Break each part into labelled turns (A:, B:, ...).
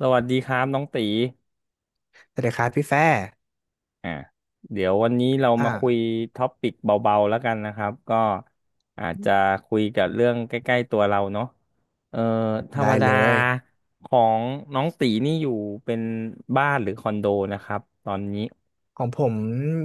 A: สวัสดีครับน้องตี
B: สวัสดีครับพี่แฟร์
A: อ่าเดี๋ยววันนี้เรา
B: อ่า
A: มาคุยท็อปิกเบาๆแล้วกันนะครับก็อาจจะคุยกับเรื่องใกล้ๆตัวเราเนาะเอ่อธรรม
B: ได้
A: ดา
B: เลย
A: ของน้องตีนี่อยู่เป็นบ้านหรือคอนโดนะครับตอนนี้
B: ของผม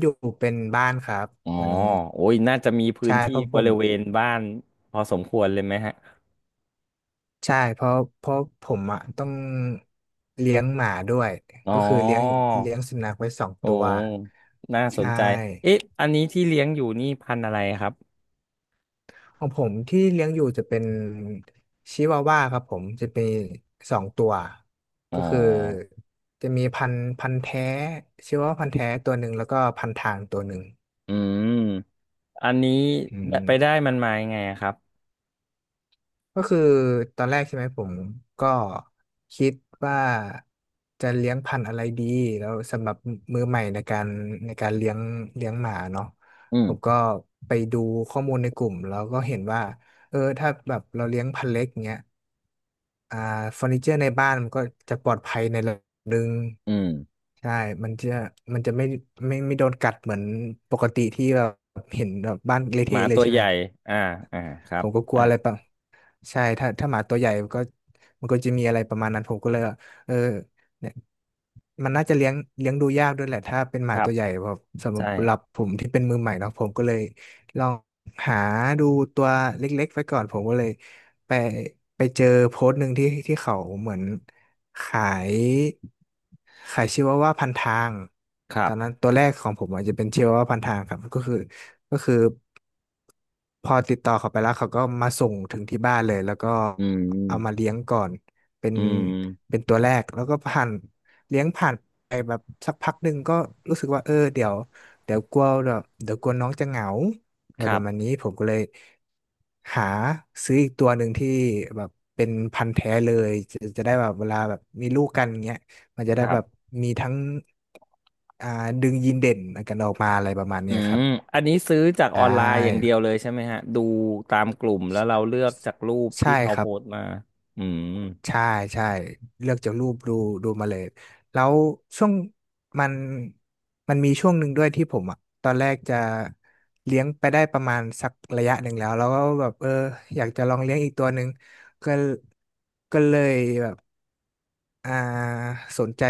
B: อยู่เป็นบ้านครับ
A: อ๋อ
B: ตอนนี้
A: โอ้ยน่าจะมีพื้น
B: ใช่
A: ที่
B: เพราะผ
A: บ
B: ม
A: ริเวณบ้านพอสมควรเลยไหมฮะ
B: ใช่เพราะเพราะผมอ่ะต้องเลี้ยงหมาด้วย
A: อ๋อ
B: ก็คือเลี้ยงสุนัขไว้สอง
A: โอ
B: ตัว
A: ้น่า
B: ใช
A: สนใจ
B: ่
A: เอ๊ะอันนี้ที่เลี้ยงอยู่นี่พันธุ์อะไรครับ
B: ของผมที่เลี้ยงอยู่จะเป็นชิวาว่าครับผมจะเป็นสองตัว
A: อ๋
B: ก็คือ
A: อ
B: จะมีพันธุ์แท้ชิวาว่าพันธุ์แท้ตัวหนึ่งแล้วก็พันทางตัวหนึ่ง
A: อืม อันนี้
B: อืม
A: ไปได้มันมายังไงอะครับ
B: ก็คือตอนแรกใช่ไหมผมก็คิดว่าจะเลี้ยงพันธุ์อะไรดีแล้วสำหรับมือใหม่ในการเลี้ยงหมาเนาะ
A: อืม
B: ผมก็ไปดูข้อมูลในกลุ่มแล้วก็เห็นว่าเออถ้าแบบเราเลี้ยงพันธุ์เล็กเงี้ยอ่าเฟอร์นิเจอร์ในบ้านมันก็จะปลอดภัยในระดับหนึ่ง
A: อืม
B: ใช่ มันจะมันจะไม่โดนกัดเหมือนปกติที่เบบเห็นแบบบ้านเละ
A: หมา
B: เทะเลย
A: ตัว
B: ใช่
A: ให
B: ไหม
A: ญ่ อ่าอ่าครั
B: ผ
A: บ
B: มก็กลั
A: ใช่
B: วอะไรปะ ใช่ถ้าหมาตัวใหญ่มันก็มันก็จะมีอะไรประมาณนั้นผมก็เลยว่าเออเนี่ยมันน่าจะเลี้ยงดูยากด้วยแหละถ้าเป็นห
A: ค
B: มา
A: รั
B: ตั
A: บ
B: วใหญ่แบบสำ
A: ใ
B: หรับ
A: ช่
B: ผมที่เป็นมือใหม่เนาะผมก็เลยลองหาดูตัวเล็กๆไว้ก่อนผมก็เลยไปเจอโพสต์หนึ่งที่เขาเหมือนขายชิวาว่าพันทาง
A: ครั
B: ตอนนั้น
A: บ
B: ตัวแรกของผมอาจจะเป็นชิวาว่าพันทางครับก็คือก็คือ พอติดต่อเขาไปแล้วเขาก็มาส่งถึงที่บ้านเลยแล้วก็
A: อื
B: เอามา
A: ม
B: เลี้ยงก่อนเป็น
A: อืม
B: ตัวแรกแล้วก็ผ่านเลี้ยงผ่านไปแบบสักพักหนึ่งก็รู้สึกว่าเออเดี๋ยวกลัวแบบเดี๋ยวกลัวน้องจะเหงาอะ
A: ค
B: ไรป
A: รั
B: ระมาณ
A: บ
B: นี้ผมก็เลยหาซื้ออีกตัวหนึ่งที่แบบเป็นพันธุ์แท้เลยจะได้แบบเวลาแบบมีลูกกันเงี้ยมันจะ
A: ค
B: ได้
A: รั
B: แบบ
A: บ
B: มีทั้งอ่าดึงยีนเด่นกันออกมาอะไรประมาณ
A: อื
B: เนี้ยครั
A: ม
B: บ
A: อันนี้ซื้อจากอ
B: ได้
A: อนไลน์อย่างเดียวเลยใช่ไหมฮะดูตามกลุ่มแล้วเราเลือกจากรูป
B: ใช่
A: ที่เขา
B: ครั
A: โพ
B: บ
A: สต์มา อืม
B: ใช่ใช่เลือกจากรูปดูมาเลยแล้วช่วงมันมันมีช่วงหนึ่งด้วยที่ผมอ่ะตอนแรกจะเลี้ยงไปได้ประมาณสักระยะหนึ่งแล้วก็แบบเอออยากจะลองเลี้ยงอีกตัวหนึ่งก็ก็เลยแบบอ่าสนใจ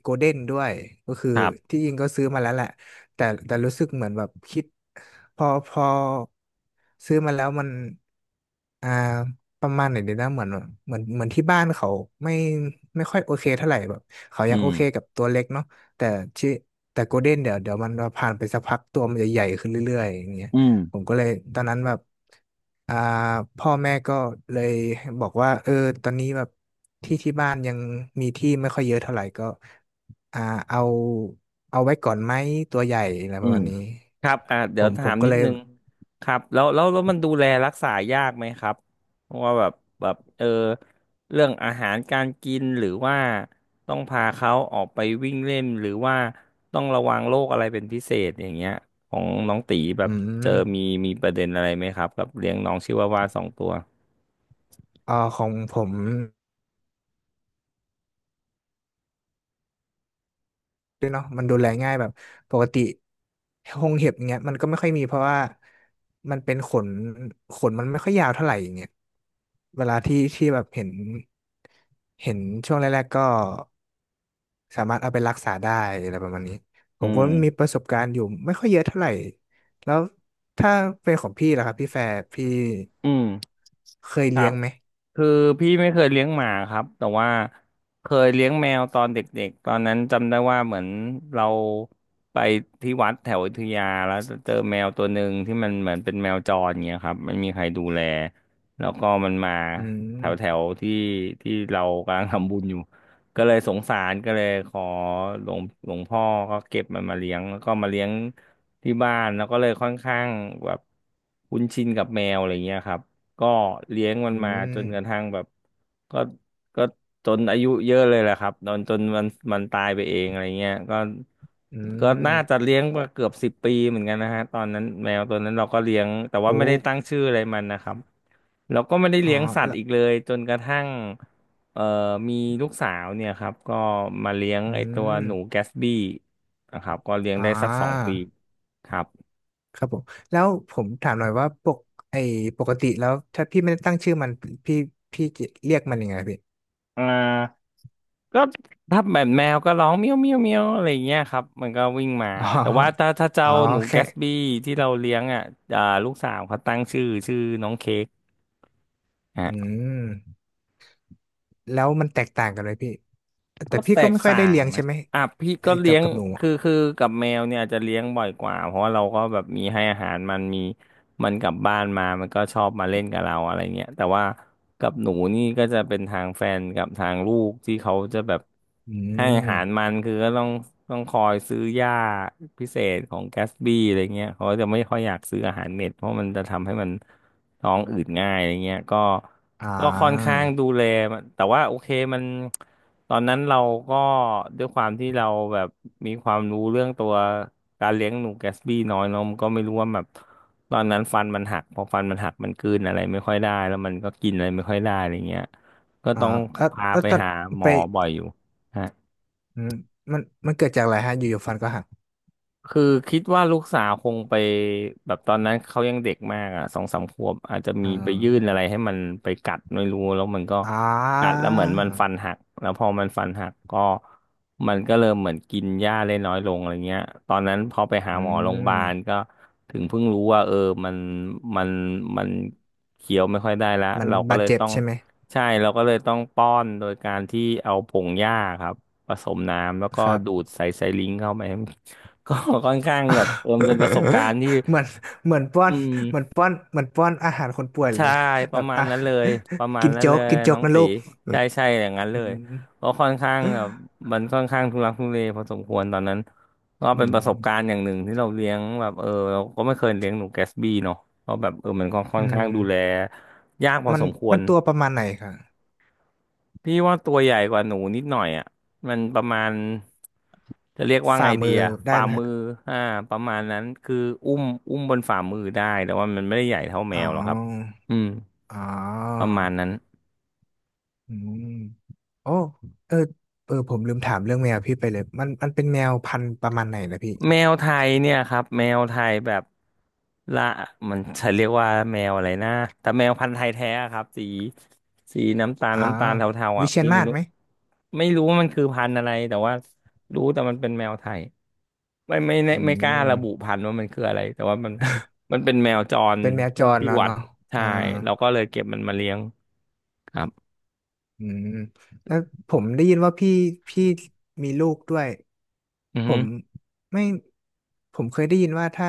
B: โกลเด้นด้วยก็คือ
A: ครับ
B: ที่จริงก็ซื้อมาแล้วแหละแต่รู้สึกเหมือนแบบคิดพอซื้อมาแล้วมัน อ่าประมาณไหนดีนะเหมือนที่บ้านเขาไม่ค่อยโอเคเท่าไหร่แบบเขา
A: อื
B: ยังโอ
A: ม
B: เคกับตัวเล็กเนาะแต่ชื่อแต่โกลเด้นเดี๋ยวมันผ่านไปสักพักตัวมันจะใหญ่ขึ้นเรื่อยๆอย่างเงี้ย
A: อืม
B: ผมก็เลยตอนนั้นแบบอ่าพ่อแม่ก็เลยบอกว่าเออตอนนี้แบบที่บ้านยังมีที่ไม่ค่อยเยอะเท่าไหร่ก็อ่าเอาไว้ก่อนไหมตัวใหญ่อะไร
A: อื
B: ประ
A: ม
B: มาณนี้
A: ครับอ่า
B: ผ
A: เดี๋ยว
B: ม
A: ถาม
B: ก็
A: นิด
B: เลย
A: นึงครับแล้วมันดูแลรักษายากไหมครับเพราะว่าแบบเออเรื่องอาหารการกินหรือว่าต้องพาเขาออกไปวิ่งเล่นหรือว่าต้องระวังโรคอะไรเป็นพิเศษอย่างเงี้ยของน้องตีแบ
B: อื
A: บเจอมี
B: ม
A: มีประเด็นอะไรไหมครับกับเลี้ยงน้องชิวาวาสองตัว
B: ของผม ด้วยเนาะมันดูแลง่ายแบบปกติหงเห็บอย่างเงี้ยมันก็ไม่ค่อยมีเพราะว่ามันเป็นขนขนมันไม่ค่อยยาวเท่าไหร่อย่างเงี้ยเวลาที่แบบเห็นเห็นช่วงแรกๆก็สามารถเอาไปรักษาได้อะไรประมาณนี้ผ
A: อื
B: มก็
A: ม
B: มีประสบการณ์อยู่ไม่ค่อยเยอะเท่าไหร่แล้วถ้าเป็นของพี่ล่ะครับพี่แฟร์พี่
A: อืม
B: เคย
A: ครั
B: เลี้ย
A: บ
B: งไหม
A: คือพี่ไม่เคยเลี้ยงหมาครับแต่ว่าเคยเลี้ยงแมวตอนเด็กๆตอนนั้นจำได้ว่าเหมือนเราไปที่วัดแถวอยุธยาแล้วเจอแมวตัวหนึ่งที่มันเหมือนเป็นแมวจรเงี้ยครับไม่มีใครดูแลแล้วก็มันมา
B: อื
A: แถวแถ
B: ม
A: วที่ที่เรากำลังทำบุญอยู่ก็เลยสงสารก็เลยขอหลวงพ่อก็เก็บมันมาเลี้ยงแล้วก็มาเลี้ยงที่บ้านแล้วก็เลยค่อนข้างแบบคุ้นชินกับแมวอะไรเงี้ยครับ ก็เลี้ยงมัน
B: อื
A: มาจ
B: ม
A: นกระทั่งแบบก็ก็จนอายุเยอะเลยแหละครับตอนจนมันตายไปเองอะไรเงี้ยก็
B: อื
A: น่าจะ
B: ม
A: เลี้ยงมาเกือบสิบปีเหมือนกันนะฮะตอนนั้นแมวตัวนั้นเราก็เลี้ยงแต่ว่า
B: โอ้
A: ไม่ได้ตั้งชื่ออะไรมันนะครับเราก็ไม่ได้
B: อ๋อ
A: เลี้ยงสัต
B: แล้
A: ว์
B: ว
A: อีกเลยจนกระทั่งเอ่อมีลูกสาวเนี่ยครับก็มาเลี้ยง
B: อื
A: ไอตัว
B: ม
A: หนูแกสบี้นะครับก็เลี้ยง
B: อ่
A: ได้สักสอง
B: า
A: ปีครับ
B: ครับผมแล้วผมถามหน่อยว่าปกไอปกติแล้วถ้าพี่ไม่ได้ตั้งชื่อมันพี่จะเรียกมันยังไงพี่
A: อ่าก็ถ้าแบบแมวก็ร้องเมียวเมียวเมียวอะไรอย่างเงี้ยครับมันก็วิ่งมา
B: อ๋อ
A: แต่ว่าถ้าเจ้า
B: อ๋อ
A: หนูแก
B: แค่
A: สบี้ที่เราเลี้ยงอ่ะอ่าลูกสาวเขาตั้งชื่อน้องเค้ก
B: อืมแล้วมันแตกต่างกันเลยพี่แต่
A: ก็
B: พี่
A: แต
B: ก็
A: ก
B: ไม่ค่อย
A: ต่า
B: ได้
A: ง
B: เลี้ยง
A: นะ
B: ใช่ไหม
A: อ่ะพี่
B: ไอ้
A: ก็
B: กั
A: เลี้
B: บ
A: ยง
B: หนูอะ
A: คือกับแมวเนี่ยอาจจะเลี้ยงบ่อยกว่าเพราะว่าเราก็แบบมีให้อาหารมันมีมันกลับบ้านมามันก็ชอบมาเล่นกับเราอะไรเงี้ยแต่ว่ากับหนูนี่ก็จะเป็นทางแฟนกับทางลูกที่เขาจะแบบ
B: อื
A: ให้อาหาร
B: ม
A: มันคือก็ต้องคอยซื้อหญ้าพิเศษของแกสบี้อะไรเงี้ยเขาก็จะไม่ค่อยอยากซื้ออาหารเม็ดเพราะมันจะทำให้มันท้องอืดง่ายอะไรเงี้ยก็
B: อ่
A: ก็ค่อนข้า
B: า
A: งดูแลมันแต่ว่าโอเคมัน ตอนนั้นเราก็ด้วยความที่เราแบบมีความรู้เรื่องตัวการเลี้ยงหนูแกสบี้น้อยเนาะมันก็ไม่รู้ว่าแบบตอนนั้นฟันมันหักพอฟันมันหักมันกลืนอะไรไม่ค่อยได้แล้วมันก็กินอะไรไม่ค่อยได้อะไรเงี้ยก็
B: อ่า
A: ต้อง
B: แล้ว
A: พาไป
B: ตอน
A: หาหม
B: ไป
A: อบ่อยอยู่ฮะ
B: อืมมันเกิดจากอะไรฮะอยู่ๆฟันก็หัก
A: คือคิดว่าลูกสาวคงไปแบบตอนนั้นเขายังเด็กมากอ่ะสองสามขวบอาจจะ
B: อ่
A: มีไปยื่น
B: า
A: อะไรให้มันไปกัดไม่รู้แล้วมันก็
B: อ่า
A: กัดแล้วเหมือนมันฟันหักแล้วพอมันฟันหักก็มันก็เริ่มเหมือนกินหญ้าได้น้อยลงอะไรเงี้ยตอนนั้นพอไปหา
B: อื
A: หมอโรงพยาบา
B: ม
A: ลก็ถึงเพิ่งรู้ว่าเออมันมันมันเคี้ยวไม่ค่อยได้ละ
B: มัน
A: เราก็
B: บาด
A: เลย
B: เจ็บ
A: ต้อง
B: ใช่ไหม
A: ใช่เราก็เลยต้องป้อนโดยการที่เอาผงหญ้าครับผสมน้ำแล้วก็
B: ครับ
A: ดูดใส่ไซลิงเข้าไป ก็ ค่อนข้างแบบเออมันเป็นประสบ การณ์ที่
B: เหมือนป้อ
A: อื
B: น
A: ม
B: เหมือนป้อนอาหารคนป่วยเล
A: ใช่
B: ย
A: ป
B: แบ
A: ระ
B: บ
A: มาณ
B: อ่ะ
A: นั้นเลยประมาณ
B: กิน
A: นั้น
B: โจ๊
A: เล
B: ก
A: ยน้อง
B: นะ
A: ตี
B: ลูก
A: ใช่ใช่อย่างนั้นเล
B: อื
A: ย
B: ม
A: ก็ค่อนข้างแบบมันค่อนข้างทุรักทุเลพอสมควรตอนนั้นก็
B: อื
A: เป็นประสบการ
B: ม
A: ณ์อย่างหนึ่งที่เราเลี้ยงแบบเออเราก็ไม่เคยเลี้ยงหนูแกสบี้เนาะก็แบบเออมันก็ค่
B: อื
A: อนข้างดูแล
B: ม
A: ยากพอ
B: มัน
A: สมควร
B: ตัวประมาณไหนคะ
A: พี่ว่าตัวใหญ่กว่าหนูนิดหน่อยอ่ะ มันประมาณจะเรียกว่าไง
B: ฝ่า
A: ดี
B: มือ
A: อ่ะ
B: ได้
A: ฝ่า
B: ไหม
A: มื
B: ฮะ
A: ออ่าประมาณนั้น คืออุ้มอุ้มบนฝ่ามือได้ แต่ว่ามันไม่ได้ใหญ่เท่าแม
B: อ๋อ
A: วหรอกครับ อืม
B: อ๋
A: ป
B: อ
A: ระมาณนั้น
B: อืมโอ้เออผมลืมถามเรื่องแมวพี่ไปเลยมันเป็นแมวพันธุ์ประมาณไหนนะพี่
A: แมวไทยเนี่ยครับแมวไทยแบบละมันจะเรียกว่าแมวอะไรนะแต่แมวพันธุ์ไทยแท้อะครับสีน้ำตาล
B: อ๋อ
A: เทาๆ
B: วิ
A: อ่ะ
B: เชียร
A: พี่ไม่
B: มาศ
A: รู้
B: ไหม
A: ไม่รู้ว่ามันคือพันธุ์อะไรแต่ว่ารู้แต่มันเป็นแมวไทยไม่ไม่ไม่
B: อื
A: ไม่กล้า
B: ม
A: ระบุพันธุ์ว่ามันคืออะไรแต่ว่ามันมันเป็นแมวจร
B: เป็นแมวจร
A: ที่
B: เนาะ
A: วัด
B: เนาะ
A: ใช่
B: อ่า
A: เราก็เลยเก็บมันมาเลี้ยงครับ
B: อืมแล้วผมได้ยินว่าพี่พี่มีลูกด้วย
A: อือ
B: ผ
A: ฮึ
B: มไม่ผมเคยได้ยินว่าถ้า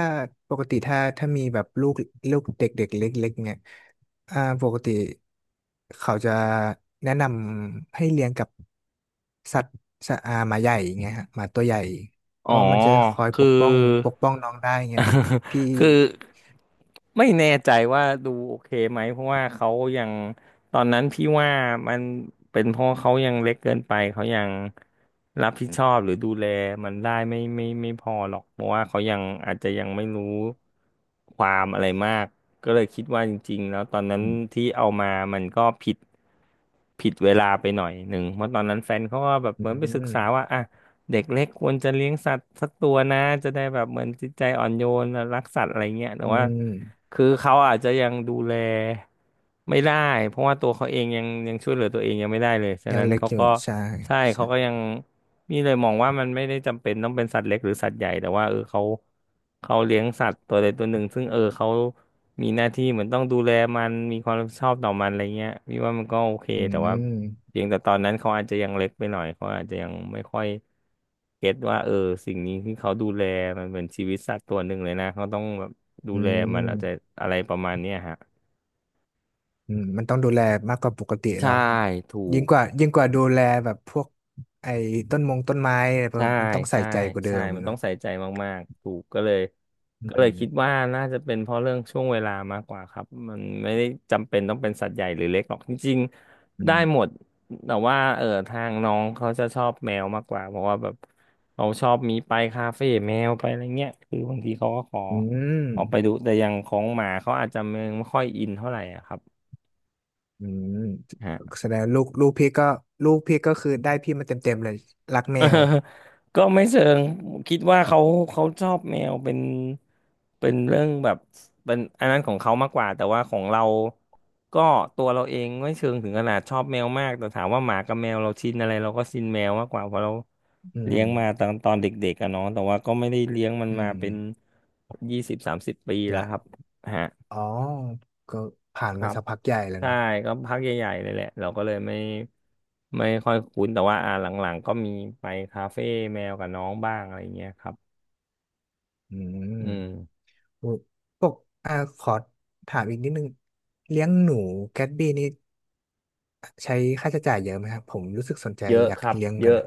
B: ปกติถ้ามีแบบลูกเด็กๆเล็กๆเนี่ยอ่าปกติเขาจะแนะนำให้เลี้ยงกับสัตว์หมาใหญ่อย่างเงี้ยฮะหมาตัวใหญ่เพ
A: อ๋อ
B: ราะมันจะคอยป
A: คือ
B: กป้องน้องได้เงี้ยพี่
A: คือไม่แน่ใจว่าดูโอเคไหมเพราะว่าเขายังตอนนั้นพี่ว่ามันเป็นเพราะเขายังเล็กเกินไปเขายังรับผิดชอบหรือดูแลมันได้ไม่พอหรอกเพราะว่าเขายังอาจจะยังไม่รู้ความอะไรมากก็เลยคิดว่าจริงๆแล้วตอนนั้น
B: อืม
A: ที่เอามามันก็ผิดเวลาไปหน่อยหนึ่งเพราะตอนนั้นแฟนเขาก็แบบ
B: อื
A: เหมือนไปศึก
B: ม
A: ษาว่าอ่ะ เด็กเล็กควรจะเลี้ยงสัตว์สักตัวนะจะได้แบบเหมือนจิตใจอ่อนโยนรักสัตว์อะไรเงี้ยแต่
B: อื
A: ว่า
B: ม
A: คือเขาอาจจะยังดูแลไม่ได้เพราะว่าตัวเขาเองยังช่วยเหลือตัวเองยังไม่ได้เลยฉะ
B: ยัง
A: นั้น
B: เล็ก
A: เขา
B: อยู่
A: ก็
B: ใช่
A: ใช่
B: ใช่
A: เขาก็ยังนี่เลยมองว่ามันไม่ได้จำเป็นต้องเป็นสัตว์เล็กหรือสัตว์ใหญ่แต่ว่าเออเขาเลี้ยงสัตว์ตัวใดตัวหนึ่งซึ่งเออเขามีหน้าที่เหมือนต้องดูแลมันมีความรับผิดชอบต่อมันอะไรเงี้ยพี่ว่ามันก็โอเค
B: อื
A: แต่ว่า
B: ม
A: เพียงแต่ตอนนั้นเขาอาจจะยังเล็กไปหน่อยเขาอาจจะยังไม่ค่อยเก็ตว่าเออสิ่งนี้ที่เขาดูแลมันเหมือนชีวิตสัตว์ตัวหนึ่งเลยนะเขาต้องแบบดู
B: อื
A: แลมัน
B: ม
A: เอาใจอะไรประมาณเนี้ยฮะ
B: อืมมันต้องดูแลมากกว่าปกติเน
A: ใช่
B: อะ
A: ถู
B: ยิ่ง
A: ก
B: กว่าดูแลแบบพวกไอ้ต้นมงต้นไม้อะไรพวก
A: ใช่
B: มันต้องใส่
A: ใช่
B: ใจกว่าเดิ
A: ใช่
B: ม
A: มัน
B: เน
A: ต้อ
B: อะ
A: งใส่ใจมากๆถูกก็เลย
B: อื
A: ก็เลยคิด
B: ม
A: ว่าน่าจะเป็นเพราะเรื่องช่วงเวลามากกว่าครับมันไม่ได้จำเป็นต้องเป็นสัตว์ใหญ่หรือเล็กหรอกจริง
B: อื
A: ๆได้
B: ม
A: หมดแต่ว่าเออทางน้องเขาจะชอบแมวมากกว่าเพราะว่าแบบเขาชอบมีไปคาเฟ่แมวไปอะไรเงี้ยคือบางทีเขาก็ขอ
B: อืม
A: ออกไปดูแต่อย่างของหมาเขาอาจจะยังไม่ค่อยอินเท่าไหร่อะครับ
B: อืมแสดงลูกพี่ก็ลูกพี่ก็คือได้พี่มาเต็มๆเลยรัก แม
A: เออ
B: ว
A: ก็ไม่เชิงคิดว่าเขาเขาชอบแมวเป็นเรื่องแบบเป็นอันนั้นของเขามากกว่าแต่ว่าของเราก็ตัวเราเองไม่เชิงถึงขนาดชอบแมวมากแต่ถามว่าหมากับแมวเราชินอะไรเราก็ชินแมวมากกว่าเพราะเรา
B: อื
A: เลี้
B: ม
A: ยงมาตอนเด็กๆอะเนาะแต่ว่าก็ไม่ได้เลี้ยงมัน
B: อื
A: มา
B: ม
A: เป็น20-30 ปีแล้ว
B: ละ
A: ครับ
B: อ๋อก็ผ่าน
A: ครั
B: มา
A: บ
B: สักพักใหญ่แล้ว
A: ใช่
B: เนาะ
A: ก็พักใหญ่ๆ เลยแหละ เราก็เลยไม่ค่อยคุ้น แต่ว่าอ่าหลังๆ ก็มีไปคาเฟ่แมวกับน้องบ้างอะไรเงี้ยครับ
B: อื
A: อืม
B: มพวกอ่าขอถามอีกนิดนึงเลี้ยงหนูแกตบี้นี่ ใช้ค่าใช้จ่ายเยอะไหมครับผมรู้สึกสนใจ
A: เยอะ
B: อยา
A: ค
B: ก
A: รับ
B: เลี้ยง
A: เย
B: กัน
A: อะ
B: น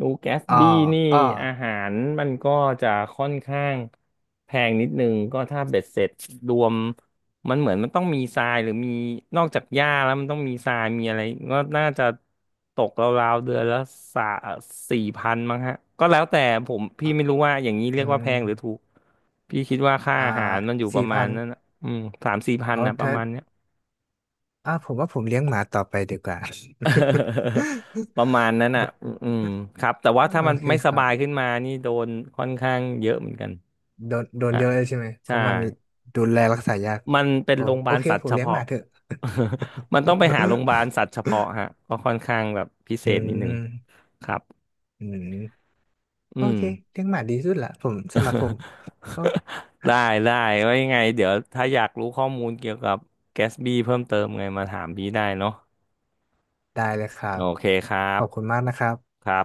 A: นูแกส
B: อ่
A: บี้นี่
B: อ
A: อาหารมันก็จะค่อนข้างแพงนิดนึงก็ถ้าเบ็ดเสร็จรวมมันเหมือนมันต้องมีทรายหรือมีนอกจากหญ้าแล้วมันต้องมีทรายมีอะไรก็น่าจะตกราวๆเดือนละสาสี่พันมั้งฮะก็แล้วแต่ผมพี่
B: อ่ะ
A: ไม่รู้ว่าอย่างนี้เรี
B: อื
A: ยกว่า
B: ม
A: แพงหรือถูกพี่คิดว่าค่า
B: อ่า
A: อาหารมันอยู่ป
B: สี่
A: ระมา
B: พั
A: ณ
B: น
A: นั้นนะอืม3,000-4,000
B: อ๋อ
A: นะประ
B: ถ้า
A: มาณเนี้ย
B: ผมว่าผมเลี้ยงหมาต่อไปดีกว่า
A: ประมาณนั้นอ่ะอืมอืมครับแต่ว่าถ้า
B: โอ
A: มัน
B: เค
A: ไม่ส
B: ครั
A: บา
B: บ
A: ยขึ้นมานี่โดนค่อนข้างเยอะเหมือนกัน
B: โดน
A: อ่ะ
B: เยอะเลยใช่ไหมเพ
A: ใช่
B: ราะมันดูแลรักษายาก
A: มันเป็น
B: โอ้
A: โรงพยา
B: โอ
A: บาล
B: เค
A: สัต
B: ผ
A: ว์
B: ม
A: เฉ
B: เลี้ยงห
A: พาะ
B: มาเถอะ
A: มันต้องไปหาโรงพยาบาลสัตว์เฉพาะฮะก็ค่อนข้างแบบพิ เศ
B: อื
A: ษนิดนึง
B: ม
A: ครับ
B: อืม
A: อื
B: โอเค
A: ม
B: เลี้ยงหมาดีสุดละผมสำหรับผม ก็
A: ได้ ได้ไว้ยังไง เดี๋ยวถ้าอยากรู้ข้อมูลเกี่ยวกับแกสบีเพิ่มเติมไงมาถามพี่ได้เนาะ
B: ได้เลยครั
A: โอ
B: บ
A: เคครั
B: ข
A: บ
B: อบคุณมากนะครับ
A: ครับ